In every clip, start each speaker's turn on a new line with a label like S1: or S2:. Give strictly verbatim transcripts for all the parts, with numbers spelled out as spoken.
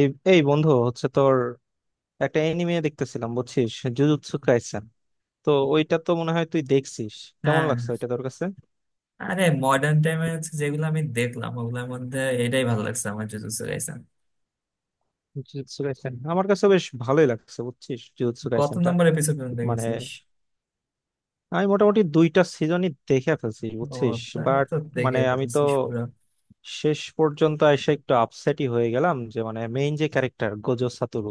S1: এই এই বন্ধু হচ্ছে তোর একটা এনিমে দেখতেছিলাম বুঝছিস। জুজুৎসু কাইসেন, তো ওইটা তো মনে হয় তুই দেখছিস। কেমন
S2: হ্যাঁ,
S1: লাগছে ওইটা তোর কাছে?
S2: আরে মডার্ন টাইমে হচ্ছে যেগুলো আমি দেখলাম ওগুলোর মধ্যে এটাই ভালো লাগছে আমার, জুজুৎসু কাইসেন।
S1: জুজুৎসু কাইসেন আমার কাছে বেশ ভালোই লাগছে বুঝছিস, জুজুৎসু
S2: কত
S1: কাইসেনটা।
S2: নম্বর এপিসোড পর্যন্ত
S1: মানে
S2: দেখেছিস?
S1: আমি মোটামুটি দুইটা সিজনই দেখে ফেলছি
S2: ও,
S1: বুঝছিস।
S2: তাহলে
S1: বাট
S2: তো দেখে
S1: মানে আমি তো
S2: ফেলছিস পুরো।
S1: শেষ পর্যন্ত এসে একটু আপসেটই হয়ে গেলাম যে মানে মেইন যে ক্যারেক্টার গোজো সাতোরু,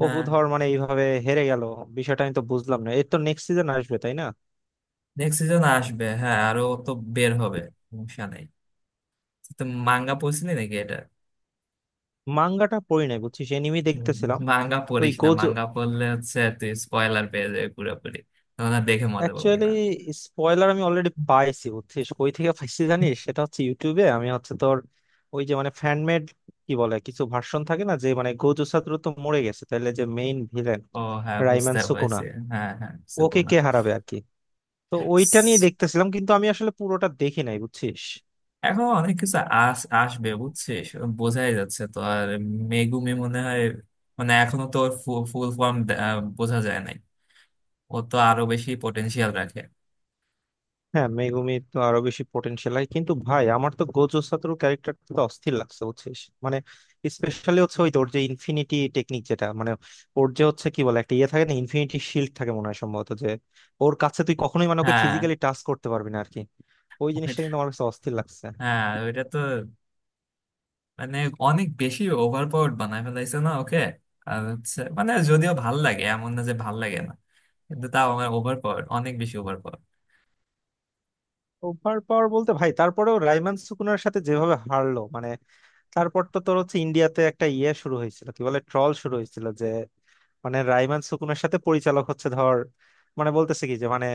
S1: ও
S2: হ্যাঁ,
S1: ধর মানে এইভাবে হেরে গেল। বিষয়টা আমি তো বুঝলাম না, এর তো নেক্সট সিজন আসবে তাই না?
S2: নেক্সট সিজন আসবে, হ্যাঁ আরো তো বের হবে, সমস্যা নেই। তো মাঙ্গা পড়ছিলি নাকি এটা?
S1: মাঙ্গাটা পড়ি নাই বুঝছিস, এনিমি দেখতেছিলাম।
S2: মাঙ্গা
S1: ওই
S2: পড়িস না,
S1: গোজো,
S2: মাঙ্গা পড়লে হচ্ছে তুই স্পয়লার পেয়ে যাবি পুরোপুরি, তখন আর দেখে মজা পাবি
S1: অ্যাকচুয়ালি
S2: না।
S1: স্পয়লার আমি অলরেডি পাইছি বুঝছিস। কই থেকে পাইছি জানিস? সেটা হচ্ছে ইউটিউবে। আমি হচ্ছে তোর, ওই যে মানে ফ্যানমেড কি বলে কিছু ভার্সন থাকে না, যে মানে গোজো ছাত্র তো মরে গেছে তাহলে যে মেইন ভিলেন
S2: ও, হ্যাঁ
S1: রাইমান
S2: বুঝতে
S1: সুকুনা,
S2: পারছি। হ্যাঁ হ্যাঁ, বুঝতে
S1: ওকে কে
S2: পারলাম।
S1: হারাবে আর কি। তো ওইটা নিয়ে দেখতেছিলাম, কিন্তু আমি আসলে পুরোটা দেখি নাই বুঝছিস।
S2: এখন অনেক কিছু আস আসবে বুঝছিস, বোঝাই যাচ্ছে তো আর। মেগুমি মনে হয় মানে এখনো তো ওর ফুল ফর্ম বোঝা যায় নাই, ও তো আরো বেশি পটেনশিয়াল রাখে।
S1: হ্যাঁ, মেগুমি তো আরো বেশি পোটেনশিয়াল হয়, কিন্তু ভাই আমার তো গোজো সাতোরু ক্যারেক্টারটা তো অস্থির লাগছে বুঝছিস। মানে স্পেশালি হচ্ছে ওই তোর যে ইনফিনিটি টেকনিক, যেটা মানে ওর যে হচ্ছে কি বলে একটা ইয়ে থাকে না, ইনফিনিটি শিল্ড থাকে মনে হয় সম্ভবত, যে ওর কাছে তুই কখনোই মানে ওকে
S2: হ্যাঁ,
S1: ফিজিক্যালি টাচ করতে পারবি না আর কি। ওই জিনিসটা
S2: ওইটা-
S1: কিন্তু আমার কাছে অস্থির লাগছে।
S2: হ্যাঁ ওইটা তো মানে অনেক বেশি ওভার পাওয়ার্ড বানায় ফেলাইছে না ওকে। আর হচ্ছে মানে যদিও ভাল লাগে, এমন না যে ভাল লাগে না, কিন্তু তাও আমার ওভার পাওয়ার, অনেক বেশি ওভার পাওয়ার।
S1: ওভার পাওয়ার বলতে ভাই, তারপরেও রাইমান সুকুনার সাথে যেভাবে হারলো মানে, তারপর তো তোর হচ্ছে ইন্ডিয়াতে একটা ইয়ে শুরু হয়েছিল, কি বলে ট্রল শুরু হয়েছিল, যে মানে রাইমান সুকুনার সাথে পরিচালক হচ্ছে ধর, মানে বলতেছে কি যে মানে,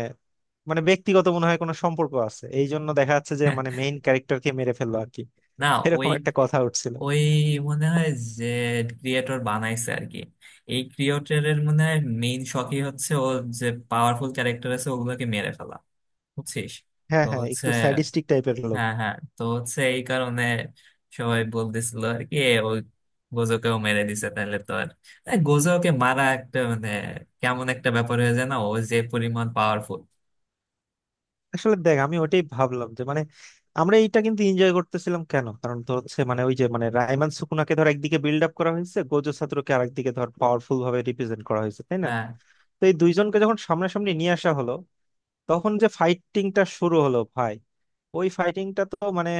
S1: মানে ব্যক্তিগত মনে হয় কোনো সম্পর্ক আছে, এই জন্য দেখা যাচ্ছে যে মানে মেইন ক্যারেক্টারকে মেরে ফেললো আর কি।
S2: না, ওই
S1: এরকম একটা কথা উঠছিল।
S2: ওই মনে হয় যে ক্রিয়েটর বানাইছে আর কি। এই ক্রিয়েটরের মনে হয় মেইন শখই হচ্ছে, ও যে পাওয়ারফুল ক্যারেক্টার আছে ওগুলোকে মেরে ফেলা, বুঝছিস।
S1: হ্যাঁ
S2: তো
S1: হ্যাঁ
S2: হচ্ছে,
S1: একটু স্যাডিস্টিক টাইপের লোক।
S2: হ্যাঁ হ্যাঁ, তো হচ্ছে এই কারণে সবাই বলতেছিল আর কি, এ ওই গোজোকেও মেরে দিছে, তাহলে তো আর। এ, গোজোকে মারা একটা মানে কেমন একটা ব্যাপার হয়ে যায় না, ও যে পরিমাণ পাওয়ারফুল।
S1: আসলে দেখ আমি ওটাই ভাবলাম যে মানে আমরা এইটা কিন্তু এনজয় করতেছিলাম কেন, কারণ তো হচ্ছে মানে ওই যে মানে রায়মান সুকুনাকে ধর একদিকে বিল্ড আপ করা হয়েছে, গোজো ছাত্রকে আরেকদিকে ধর পাওয়ারফুল ভাবে রিপ্রেজেন্ট করা হয়েছে তাই না।
S2: হ্যাঁ
S1: তো এই দুইজনকে যখন সামনাসামনি নিয়ে আসা হলো, তখন যে ফাইটিংটা শুরু হলো ভাই, ওই ফাইটিংটা তো মানে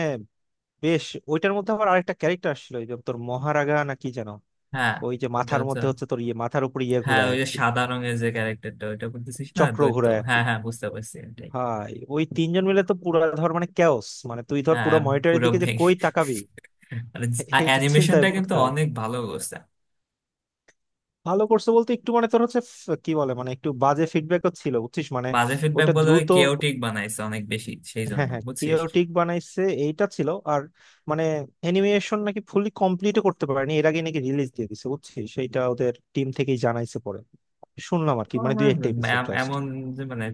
S1: বেশ। ওইটার মধ্যে আবার আরেকটা ক্যারেক্টার আসছিল, ওই যে তোর মহারাগা না কি যেন।
S2: হ্যাঁ,
S1: ওই যে
S2: ওটা
S1: মাথার
S2: হচ্ছে
S1: মধ্যে হচ্ছে তোর ইয়ে, মাথার উপর ইয়ে
S2: হ্যাঁ,
S1: ঘোরায়
S2: ওই
S1: আর
S2: যে
S1: কি,
S2: সাদা রঙের যে ক্যারেক্টারটা ওইটা বলতেছিস না,
S1: চক্র
S2: দৈত্য,
S1: ঘোরায় আর কি।
S2: হ্যাঁ হ্যাঁ বুঝতে পারছি, এটাই।
S1: ভাই ওই তিনজন মিলে তো পুরা ধর মানে ক্যাওস, মানে তুই ধর
S2: হ্যাঁ,
S1: পুরো মনিটরের
S2: পুরো
S1: দিকে যে
S2: ভেঙে
S1: কই তাকাবি,
S2: মানে
S1: এটা চিন্তায়
S2: অ্যানিমেশনটা কিন্তু
S1: পড়তে হয়।
S2: অনেক ভালো করছে।
S1: ভালো করছে বলতে একটু মানে তোর হচ্ছে ফ- কি বলে মানে একটু বাজে ফিডব্যাকও ছিল বুঝছিস মানে।
S2: বাজে ফিডব্যাক
S1: ওটা
S2: বলে ওই
S1: দ্রুত,
S2: কেওটিক বানাইছে অনেক বেশি সেই
S1: হ্যাঁ
S2: জন্য
S1: হ্যাঁ
S2: বুঝছিস।
S1: কেওটিক বানাইছে এইটা ছিল। আর মানে অ্যানিমেশন নাকি ফুলি কমপ্লিটও করতে পারেনি, এর আগে নাকি রিলিজ দিয়ে দিছে বুঝছিস, সেইটা ওদের টিম থেকেই জানাইছে পরে, শুনলাম আর
S2: তো
S1: কি মানে
S2: আমার
S1: দুই একটা এপিসোড
S2: এম-
S1: জাস্ট।
S2: এমন যে মানে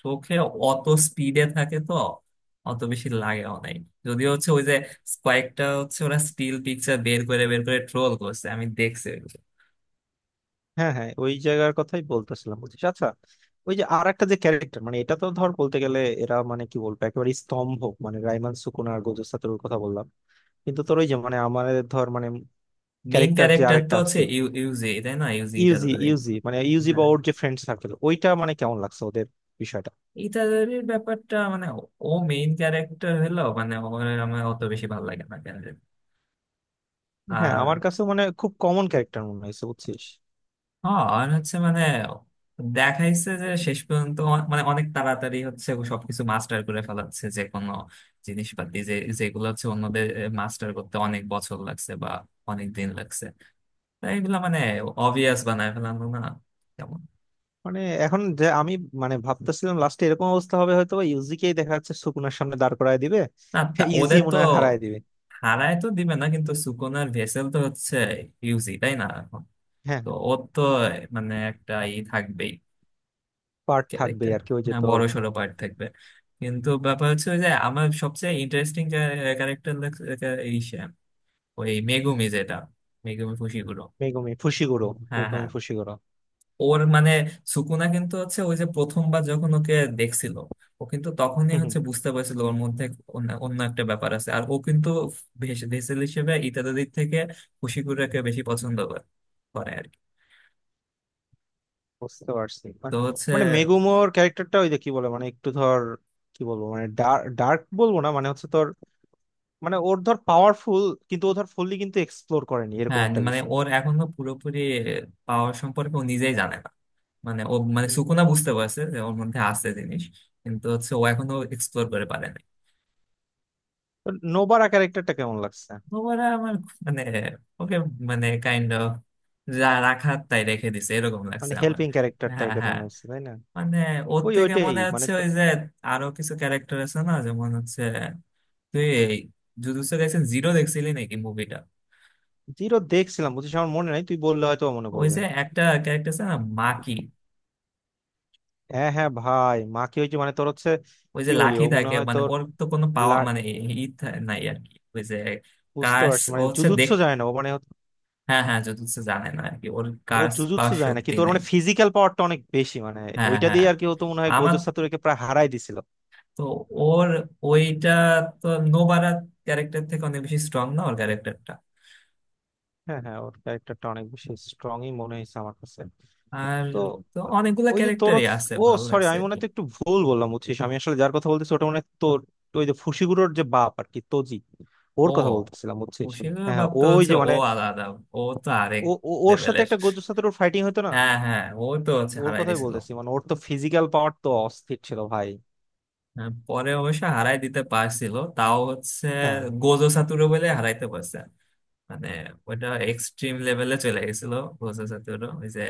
S2: চোখে অত স্পিডে থাকে তো অত বেশি লাগে নাই। যদিও হচ্ছে ওই যে কয়েকটা হচ্ছে ওরা স্টিল পিকচার বের করে বের করে ট্রোল করছে, আমি দেখছি ওইগুলো।
S1: হ্যাঁ হ্যাঁ, ওই জায়গার কথাই বলতেছিলাম বুঝছিস। আচ্ছা, ওই যে আর একটা যে ক্যারেক্টার মানে এটা তো ধর বলতে গেলে এরা মানে কি বলবো একেবারে স্তম্ভ। মানে রাইমান সুকুনা আর গোজো সাতোরুর কথা বললাম, কিন্তু তোর ওই যে মানে আমাদের ধর মানে
S2: মেইন
S1: ক্যারেক্টার যে
S2: ক্যারেক্টার তো
S1: আরেকটা
S2: হচ্ছে
S1: আছে।
S2: ইউ- ইউজি তাই না, ইউজি
S1: ইউজি
S2: ইটাদোরে।
S1: ইউজি মানে ইউজি বা
S2: হ্যাঁ,
S1: ওর যে ফ্রেন্ড সার্কেল, ওইটা মানে কেমন লাগছে ওদের বিষয়টা?
S2: ইটাদোরের ব্যাপারটা মানে ও মেইন ক্যারেক্টার হলো, মানে ওর আমার অত বেশি ভালো লাগে না কেন জানি।
S1: হ্যাঁ
S2: আর
S1: আমার কাছে মানে খুব কমন ক্যারেক্টার মনে হয়েছে বুঝছিস।
S2: হ্যাঁ, আর হচ্ছে মানে দেখাইছে যে শেষ পর্যন্ত অ- মানে অনেক তাড়াতাড়ি হচ্ছে ও সবকিছু মাস্টার করে ফেলাচ্ছে, যে কোনো জিনিসপাতি যে যেগুলো হচ্ছে অন্যদের মাস্টার করতে অনেক বছর লাগছে বা অনেক দিন লাগছে, তাই এগুলো মানে অবভিয়াস বানায় ফেলানো না, যেমন।
S1: মানে এখন যে আমি মানে ভাবতেছিলাম লাস্টে এরকম অবস্থা হবে, হয়তো ইউজিকেই দেখা যাচ্ছে সুকুনার সামনে দাঁড় করায় দিবে।
S2: না তা
S1: ইউজি
S2: ওদের তো,
S1: মনে হয় হারায় দিবে।
S2: হারায় তো দিবে না কিন্তু সুকোনার ভেসেল তো হচ্ছে ইউজি তাই না এখন,
S1: হ্যাঁ,
S2: তো ওর তো মানে একটা ই থাকবেই
S1: পার্ট থাকবে
S2: ক্যারেক্টার।
S1: আর কি, ওই যে
S2: হ্যাঁ,
S1: তোর
S2: বড় সড়ো পার্ট থাকবে। কিন্তু ব্যাপার হচ্ছে ওই যে আমার সবচেয়ে ইন্টারেস্টিং ক্যারেক্টার এই সে, ওই মেগুমি, যেটা মেগুমি ফুশিগুরো।
S1: Megumi Fushiguro.
S2: হ্যাঁ
S1: মেগুমি
S2: হ্যাঁ,
S1: ফুশিগুরো।
S2: ওর মানে সুকুনা কিন্তু হচ্ছে ওই যে প্রথমবার যখন ওকে দেখছিল, ও কিন্তু তখনই
S1: হুম হুম,
S2: হচ্ছে বুঝতে পারছিল ওর মধ্যে অন্য অন্য একটা ব্যাপার আছে, আর ও কিন্তু ভেস- ভেসেল হিসেবে ইত্যাদি দিক থেকে ফুশিগুরাকে বেশি পছন্দ করে, করে আর কি।
S1: বুঝতে পারছি
S2: তো
S1: মানে।
S2: হচ্ছে
S1: মানে মেগুমোর ক্যারেক্টারটা ওই যে কি বলে মানে একটু ধর কি বলবো মানে, ডার্ক বলবো না মানে হচ্ছে তোর, মানে ওর ধর পাওয়ারফুল কিন্তু ও ধর ফুললি কিন্তু এক্সপ্লোর করেনি এরকম
S2: হ্যাঁ,
S1: একটা
S2: মানে
S1: বিষয়।
S2: ওর এখনো পুরোপুরি পাওয়ার সম্পর্কে ও নিজেই জানে না। মানে ও মানে
S1: হুম।
S2: সুকুনা বুঝতে পারছে যে ওর মধ্যে আছে জিনিস, কিন্তু হচ্ছে ও এখনো এক্সপ্লোর করে পারে নাই।
S1: তো নোবারা ক্যারেক্টারটা কেমন লাগছে?
S2: ওরা আমার খুব মানে, ওকে মানে কাইন্ড অফ যা রাখার তাই রেখে দিছে এরকম
S1: মানে
S2: লাগছে আমার।
S1: হেল্পিং ক্যারেক্টার
S2: হ্যাঁ
S1: টাইপের
S2: হ্যাঁ,
S1: মনে হচ্ছে তাই না?
S2: মানে ওর
S1: ওই
S2: থেকে
S1: ওইটাই
S2: মনে
S1: মানে
S2: হচ্ছে
S1: তো।
S2: ওই যে আরো কিছু ক্যারেক্টার আছে না, যেমন হচ্ছে, তুই এই জুজুৎসু কাইসেন জিরো দেখছিলি নাকি মুভিটা?
S1: জিরো দেখছিলাম বুঝছিস, আমার মনে নাই তুই বললে হয়তো মনে
S2: ওই
S1: পড়বে।
S2: যে একটা ক্যারেক্টার আছে না মাকি,
S1: হ্যাঁ হ্যাঁ ভাই, মাকে ওই যে মানে তোর হচ্ছে
S2: ওই
S1: কি
S2: যে
S1: বলি,
S2: লাঠি
S1: ও মনে
S2: থাকে,
S1: হয়
S2: মানে
S1: তোর,
S2: ওর তো কোনো পাওয়া মানে ই থা- নাই আর কি, ওই যে
S1: বুঝতে
S2: কার্স
S1: পারছি
S2: ও
S1: মানে
S2: হচ্ছে
S1: জুজুৎসু
S2: দেখতে,
S1: যায় না ও মানে।
S2: হ্যাঁ হ্যাঁ জুজুৎসু জানে না আর কি, ওর
S1: ও
S2: কার্স বা
S1: জুজুৎসু যায় না
S2: শক্তি
S1: কিন্তু ওর
S2: নেই।
S1: মানে ফিজিক্যাল পাওয়ারটা অনেক বেশি মানে,
S2: হ্যাঁ
S1: ওইটা
S2: হ্যাঁ,
S1: দিয়ে আর কি হতো, মনে হয়
S2: আমার
S1: গোজো সাতোরুকে প্রায় হারাই দিছিল।
S2: তো ওর ওইটা তো নোবারা ক্যারেক্টার থেকে অনেক বেশি স্ট্রং না ওর ক্যারেক্টারটা?
S1: হ্যাঁ হ্যাঁ ওর ক্যারেক্টারটা অনেক বেশি স্ট্রংই মনে হয়েছে আমার কাছে।
S2: আর
S1: তো
S2: তো অনেকগুলা
S1: ওই যে তোর,
S2: ক্যারেক্টারই আছে,
S1: ও
S2: ভালো
S1: সরি
S2: লাগছে
S1: আমি
S2: আর
S1: মনে
S2: কি।
S1: হয় তো একটু ভুল বললাম বুঝছিস, আমি আসলে যার কথা বলতেছি ওটা মনে হয় তোর ওই যে ফুশিগুরোর যে বাপ আর কি, তোজি।
S2: ও
S1: ওর কথা বলতেছিলাম বুঝছিস।
S2: খুশির,
S1: হ্যাঁ হ্যাঁ, ও
S2: ভাবতে
S1: ওই
S2: হচ্ছে
S1: যে
S2: ও
S1: মানে,
S2: আলাদা, ও তো আরেক
S1: ও ও- ওর সাথে
S2: লেভেলের।
S1: একটা গোজো সাতোরুর ফাইটিং হতো না,
S2: হ্যাঁ হ্যাঁ, ও তো হচ্ছে
S1: ওর
S2: হারাই
S1: কথাই
S2: দিছিল।
S1: বলতেছি মানে, ওর তো ফিজিক্যাল পাওয়ার তো অস্থির ছিল ভাই।
S2: হ্যাঁ, পরে অবশ্য হারাই দিতে পারছিল তাও হচ্ছে
S1: হ্যাঁ।
S2: গোজো সাতুরো বলে হারাইতে পারছে। মানে ওটা এক্সট্রিম লেভেলে চলে গেছিল প্রসেস, ওই যে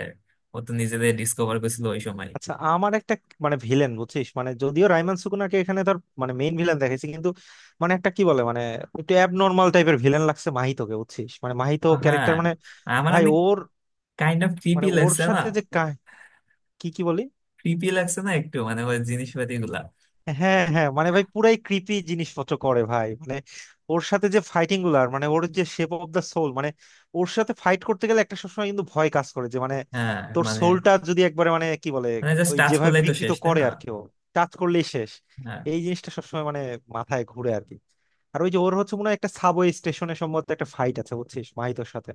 S2: ও তো নিজেদের ডিসকভার করেছিল ওই সময়।
S1: আচ্ছা আমার একটা মানে ভিলেন বুঝছিস, মানে যদিও রাইমান সুকুনাকে এখানে ধর মানে মেইন ভিলেন দেখাইছি, কিন্তু মানে একটা কি বলে মানে একটু অ্যাবনর্মাল টাইপের ভিলেন লাগছে মাহিতোকে বুঝছিস, মানে মাহিতো
S2: হ্যাঁ,
S1: ক্যারেক্টার মানে
S2: আমার
S1: ভাই
S2: অনেক
S1: ওর
S2: কাইন্ড অফ
S1: মানে
S2: ক্রিপি
S1: ওর
S2: লাগছে না?
S1: সাথে যে কাহ- কি কি বলি।
S2: ক্রিপি লাগছে না একটু মানে ওই জিনিসপাতি গুলা।
S1: হ্যাঁ হ্যাঁ মানে ভাই পুরাই ক্রিপি জিনিসপত্র করে ভাই মানে, ওর সাথে যে ফাইটিং গুলো, আর মানে ওর যে শেপ অফ দা সোল মানে, ওর সাথে ফাইট করতে গেলে একটা সবসময় কিন্তু ভয় কাজ করে যে মানে
S2: হ্যাঁ
S1: তোর
S2: মানে,
S1: সোলটা যদি একবারে মানে কি বলে
S2: মানে জাস্ট
S1: ওই
S2: টাচ
S1: যেভাবে
S2: করলেই তো
S1: বিকৃত
S2: শেষ তাই
S1: করে,
S2: না।
S1: আর কেউ টাচ করলেই শেষ।
S2: হ্যাঁ
S1: এই জিনিসটা সবসময় মানে মাথায় ঘুরে আর কি। আর ওই যে ওর হচ্ছে মনে হয় একটা সাবওয়ে স্টেশনে সম্ভবত একটা ফাইট আছে বুঝছিস, মাহিতোর সাথে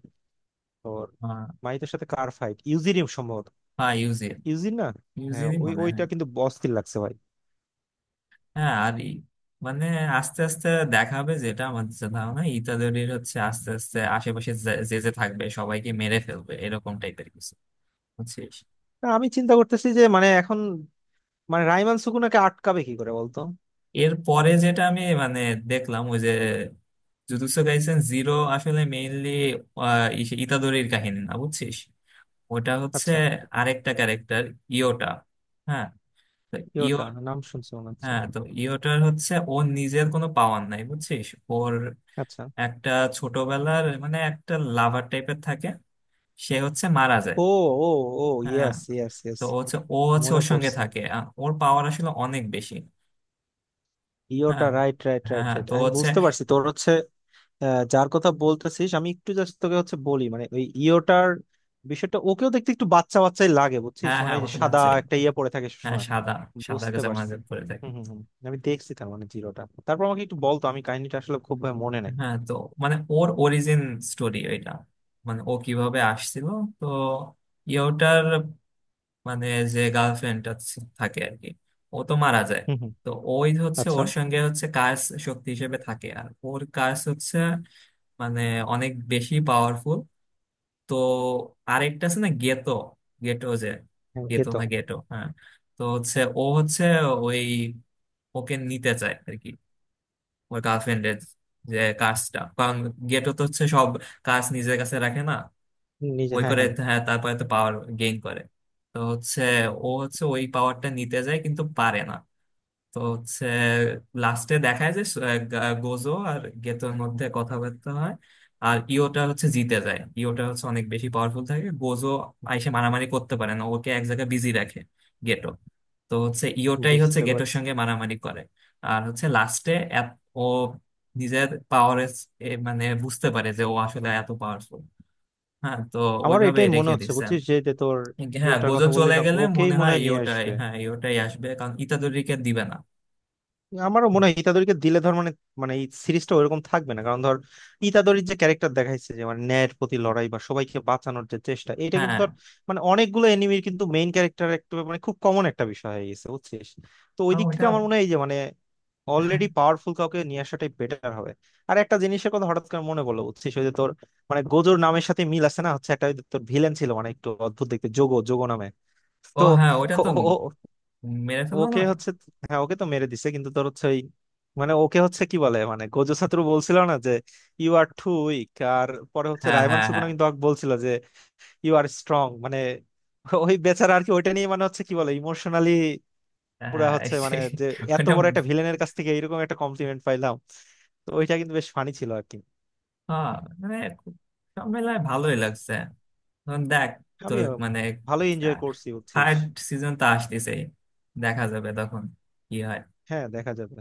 S1: তোর।
S2: হ্যাঁ
S1: মাহিতোর সাথে কার ফাইট, ইউজিরিয়াম সম্ভবত?
S2: হ্যাঁ, ইউজিন,
S1: ইউজিন না? হ্যাঁ
S2: ইউজিনই
S1: ওই
S2: মনে
S1: ওইটা
S2: হয়।
S1: কিন্তু অস্থির লাগছে ভাই।
S2: হ্যাঁ আর ই মানে, আস্তে আস্তে দেখা হবে, যেটা আমার যে ধারণা ইতাদোরির হচ্ছে আস্তে আস্তে আশেপাশে যে যে যে থাকবে সবাইকে মেরে ফেলবে এরকম টাইপের কিছু বুঝছিস।
S1: তা আমি চিন্তা করতেছি যে মানে এখন মানে রাইমান সুকুনাকে আটকাবে কি করে বলতো।
S2: এর পরে যেটা আমি মানে দেখলাম ওই যে জুজুৎসু কাইসেন জিরো, আসলে মেইনলি ইতাদোরির কাহিনী না বুঝছিস, ওটা হচ্ছে
S1: আচ্ছা,
S2: আরেকটা ক্যারেক্টার ইয়োটা। হ্যাঁ, তো
S1: কি
S2: ইয়ো,
S1: ওটা, নাম শুনছি মনে হচ্ছে।
S2: হ্যাঁ তো ইয়োটার হচ্ছে ওর নিজের কোনো পাওয়ার নাই বুঝছিস, ওর
S1: আচ্ছা।
S2: একটা ছোটবেলার মানে একটা লাভার টাইপের থাকে, সে হচ্ছে মারা যায়।
S1: ও ও ও
S2: হ্যাঁ,
S1: ইয়েস ইয়েস ইয়েস,
S2: তো ও হচ্ছে ও হচ্ছে
S1: মনে
S2: ওর সঙ্গে
S1: পড়ছে।
S2: থাকে, আ- ওর পাওয়ার আসলে অনেক বেশি।
S1: ইয়োটা,
S2: হ্যাঁ
S1: রাইট রাইট
S2: হ্যাঁ
S1: রাইট
S2: হ্যাঁ,
S1: রাইট,
S2: তো
S1: আমি
S2: হচ্ছে
S1: বুঝতে পারছি তোর হচ্ছে। আহ, যার কথা বলতেছিস আমি একটু জাস্ট তোকে হচ্ছে বলি মানে, ওই ইয়োটার বিষয়টা, ওকেও দেখতে একটু বাচ্চা বাচ্চাই লাগে বুঝছিস,
S2: হ্যাঁ
S1: মানে
S2: হ্যাঁ,
S1: ওই
S2: ও
S1: যে
S2: তো
S1: সাদা
S2: বাচ্চা,
S1: একটা ইয়ে পড়ে থাকে
S2: হ্যাঁ
S1: সবসময়।
S2: সাদা, সাদা
S1: বুঝতে পারছি।
S2: জামাতে পরে থাকে।
S1: হুম হুম হুম। আমি দেখছি তার মানে জিরোটা, তারপর আমাকে একটু বলতো আমি কাহিনীটা আসলে খুব ভাবে মনে নাই।
S2: হ্যাঁ, তো মানে ওর অরিজিন স্টোরি এটা, মানে ও কিভাবে আসছিল। তো ইয়োটার মানে যে গার্লফ্রেন্ডটা থাকে আর কি, ও তো মারা যায়,
S1: হুম হুম।
S2: তো ওই হচ্ছে
S1: আচ্ছা।
S2: ওর সঙ্গে হচ্ছে কার্স শক্তি হিসেবে থাকে। আর ওর কার্স হচ্ছে মানে অনেক বেশি পাওয়ারফুল। তো আরেকটা আছে না গেতো, গেটো যে,
S1: হ্যাঁ, ওকে
S2: গেতো
S1: তো
S2: না গেটো হ্যাঁ। তো হচ্ছে ও হচ্ছে ওই ওকে নিতে চায় আর কি, ওই গার্লফ্রেন্ডের যে কাজটা, কারণ গেটো তো হচ্ছে সব কাজ নিজের কাছে রাখে, না
S1: নিজে,
S2: ওই
S1: হ্যাঁ
S2: করে,
S1: হ্যাঁ
S2: হ্যাঁ। তারপরে তো পাওয়ার গেইন করে, তো হচ্ছে ও হচ্ছে ওই পাওয়ারটা নিতে যায় কিন্তু পারে না। তো হচ্ছে লাস্টে দেখায় যে আহ, গা- গোজো আর গেতোর মধ্যে কথাবার্তা হয়, আর ইওটা হচ্ছে জিতে যায়, ইওটা হচ্ছে অনেক বেশি পাওয়ারফুল থাকে, গোজো আইসে মারামারি করতে পারে না, ওকে এক জায়গায় বিজি রাখে গেটো, তো হচ্ছে ইওটাই হচ্ছে
S1: বুঝতে
S2: গেটোর
S1: পারছি।
S2: সঙ্গে মারামারি করে। আর হচ্ছে লাস্টে ও নিজের পাওয়ার মানে বুঝতে পারে যে ও আসলে এত পাওয়ারফুল। হ্যাঁ, তো
S1: আমারও
S2: ওইভাবে
S1: এটাই মনে
S2: রেখে
S1: হচ্ছে
S2: দিচ্ছে।
S1: বুঝছিস, যে যে তোর
S2: হ্যাঁ
S1: ইয়েটার
S2: গোজো
S1: কথা বললি
S2: চলে
S1: না,
S2: গেলে
S1: ওকেই
S2: মনে
S1: মনে
S2: হয়
S1: হয় নিয়ে
S2: ইওটাই,
S1: আসবে।
S2: হ্যাঁ ইওটাই আসবে কারণ ইতাদোরিকে দিবে না।
S1: আমারও মনে হয় ইতাদোরিকে দিলে ধর মানে, মানে এই সিরিজটা ওইরকম থাকবে না, কারণ ধর ইতাদোরির যে ক্যারেক্টার দেখাইছে যে মানে ন্যায়ের প্রতি লড়াই বা সবাইকে বাঁচানোর যে চেষ্টা, এটা কিন্তু
S2: হ্যাঁ
S1: ধর মানে অনেকগুলো এনিমির কিন্তু মেইন ক্যারেক্টার একটা মানে খুব কমন একটা বিষয় হয়ে গেছে বুঝছিস। তো ওই
S2: আহ,
S1: দিক থেকে
S2: ওটা,
S1: আমার মনে হয় এই যে মানে অলরেডি পাওয়ারফুল কাউকে নিয়ে আসাটাই বেটার হবে। আর একটা জিনিসের কথা হঠাৎ করে মনে পড়লো বুঝছিস, ওই যে তোর মানে গোজোর নামের সাথে মিল আছে না, হচ্ছে একটা ওই যে তোর ভিলেন ছিল মানে একটু অদ্ভুত দেখতে, যোগো, যোগো নামে।
S2: ও
S1: তো
S2: হ্যাঁ ওটা
S1: ও-
S2: তো
S1: ও-
S2: মেরে ফেললো
S1: ওকে
S2: না।
S1: হচ্ছে, হ্যাঁ ওকে তো মেরে দিছে, কিন্তু তোর হচ্ছে ওই মানে ওকে হচ্ছে কি বলে মানে গোজো ছাত্র বলছিল না যে ইউ আর টু উইক, আর পরে হচ্ছে
S2: হ্যাঁ
S1: রায়মান
S2: হ্যাঁ
S1: সুকুনা
S2: হ্যাঁ
S1: কিন্তু ওকে বলছিল যে ইউ আর স্ট্রং মানে, ওই বেচারা আর কি, ওইটা নিয়ে মানে হচ্ছে কি বলে ইমোশনালি পুরা
S2: হ্যাঁ
S1: হচ্ছে মানে
S2: সেই,
S1: যে এত
S2: ওটা
S1: বড় একটা ভিলেনের কাছ থেকে এরকম একটা কমপ্লিমেন্ট পাইলাম। তো ওইটা কিন্তু বেশ ফানি ছিল আর কি।
S2: হ্যাঁ মানে খুব-, সব মেলায় ভালোই লাগছে এখন দেখ, তো
S1: আমিও
S2: মানে
S1: ভালোই এনজয় করছি বুঝছিস।
S2: থার্ড সিজন তো আসতেছেই, দেখা যাবে তখন কি হয়।
S1: হ্যাঁ দেখা যাবে।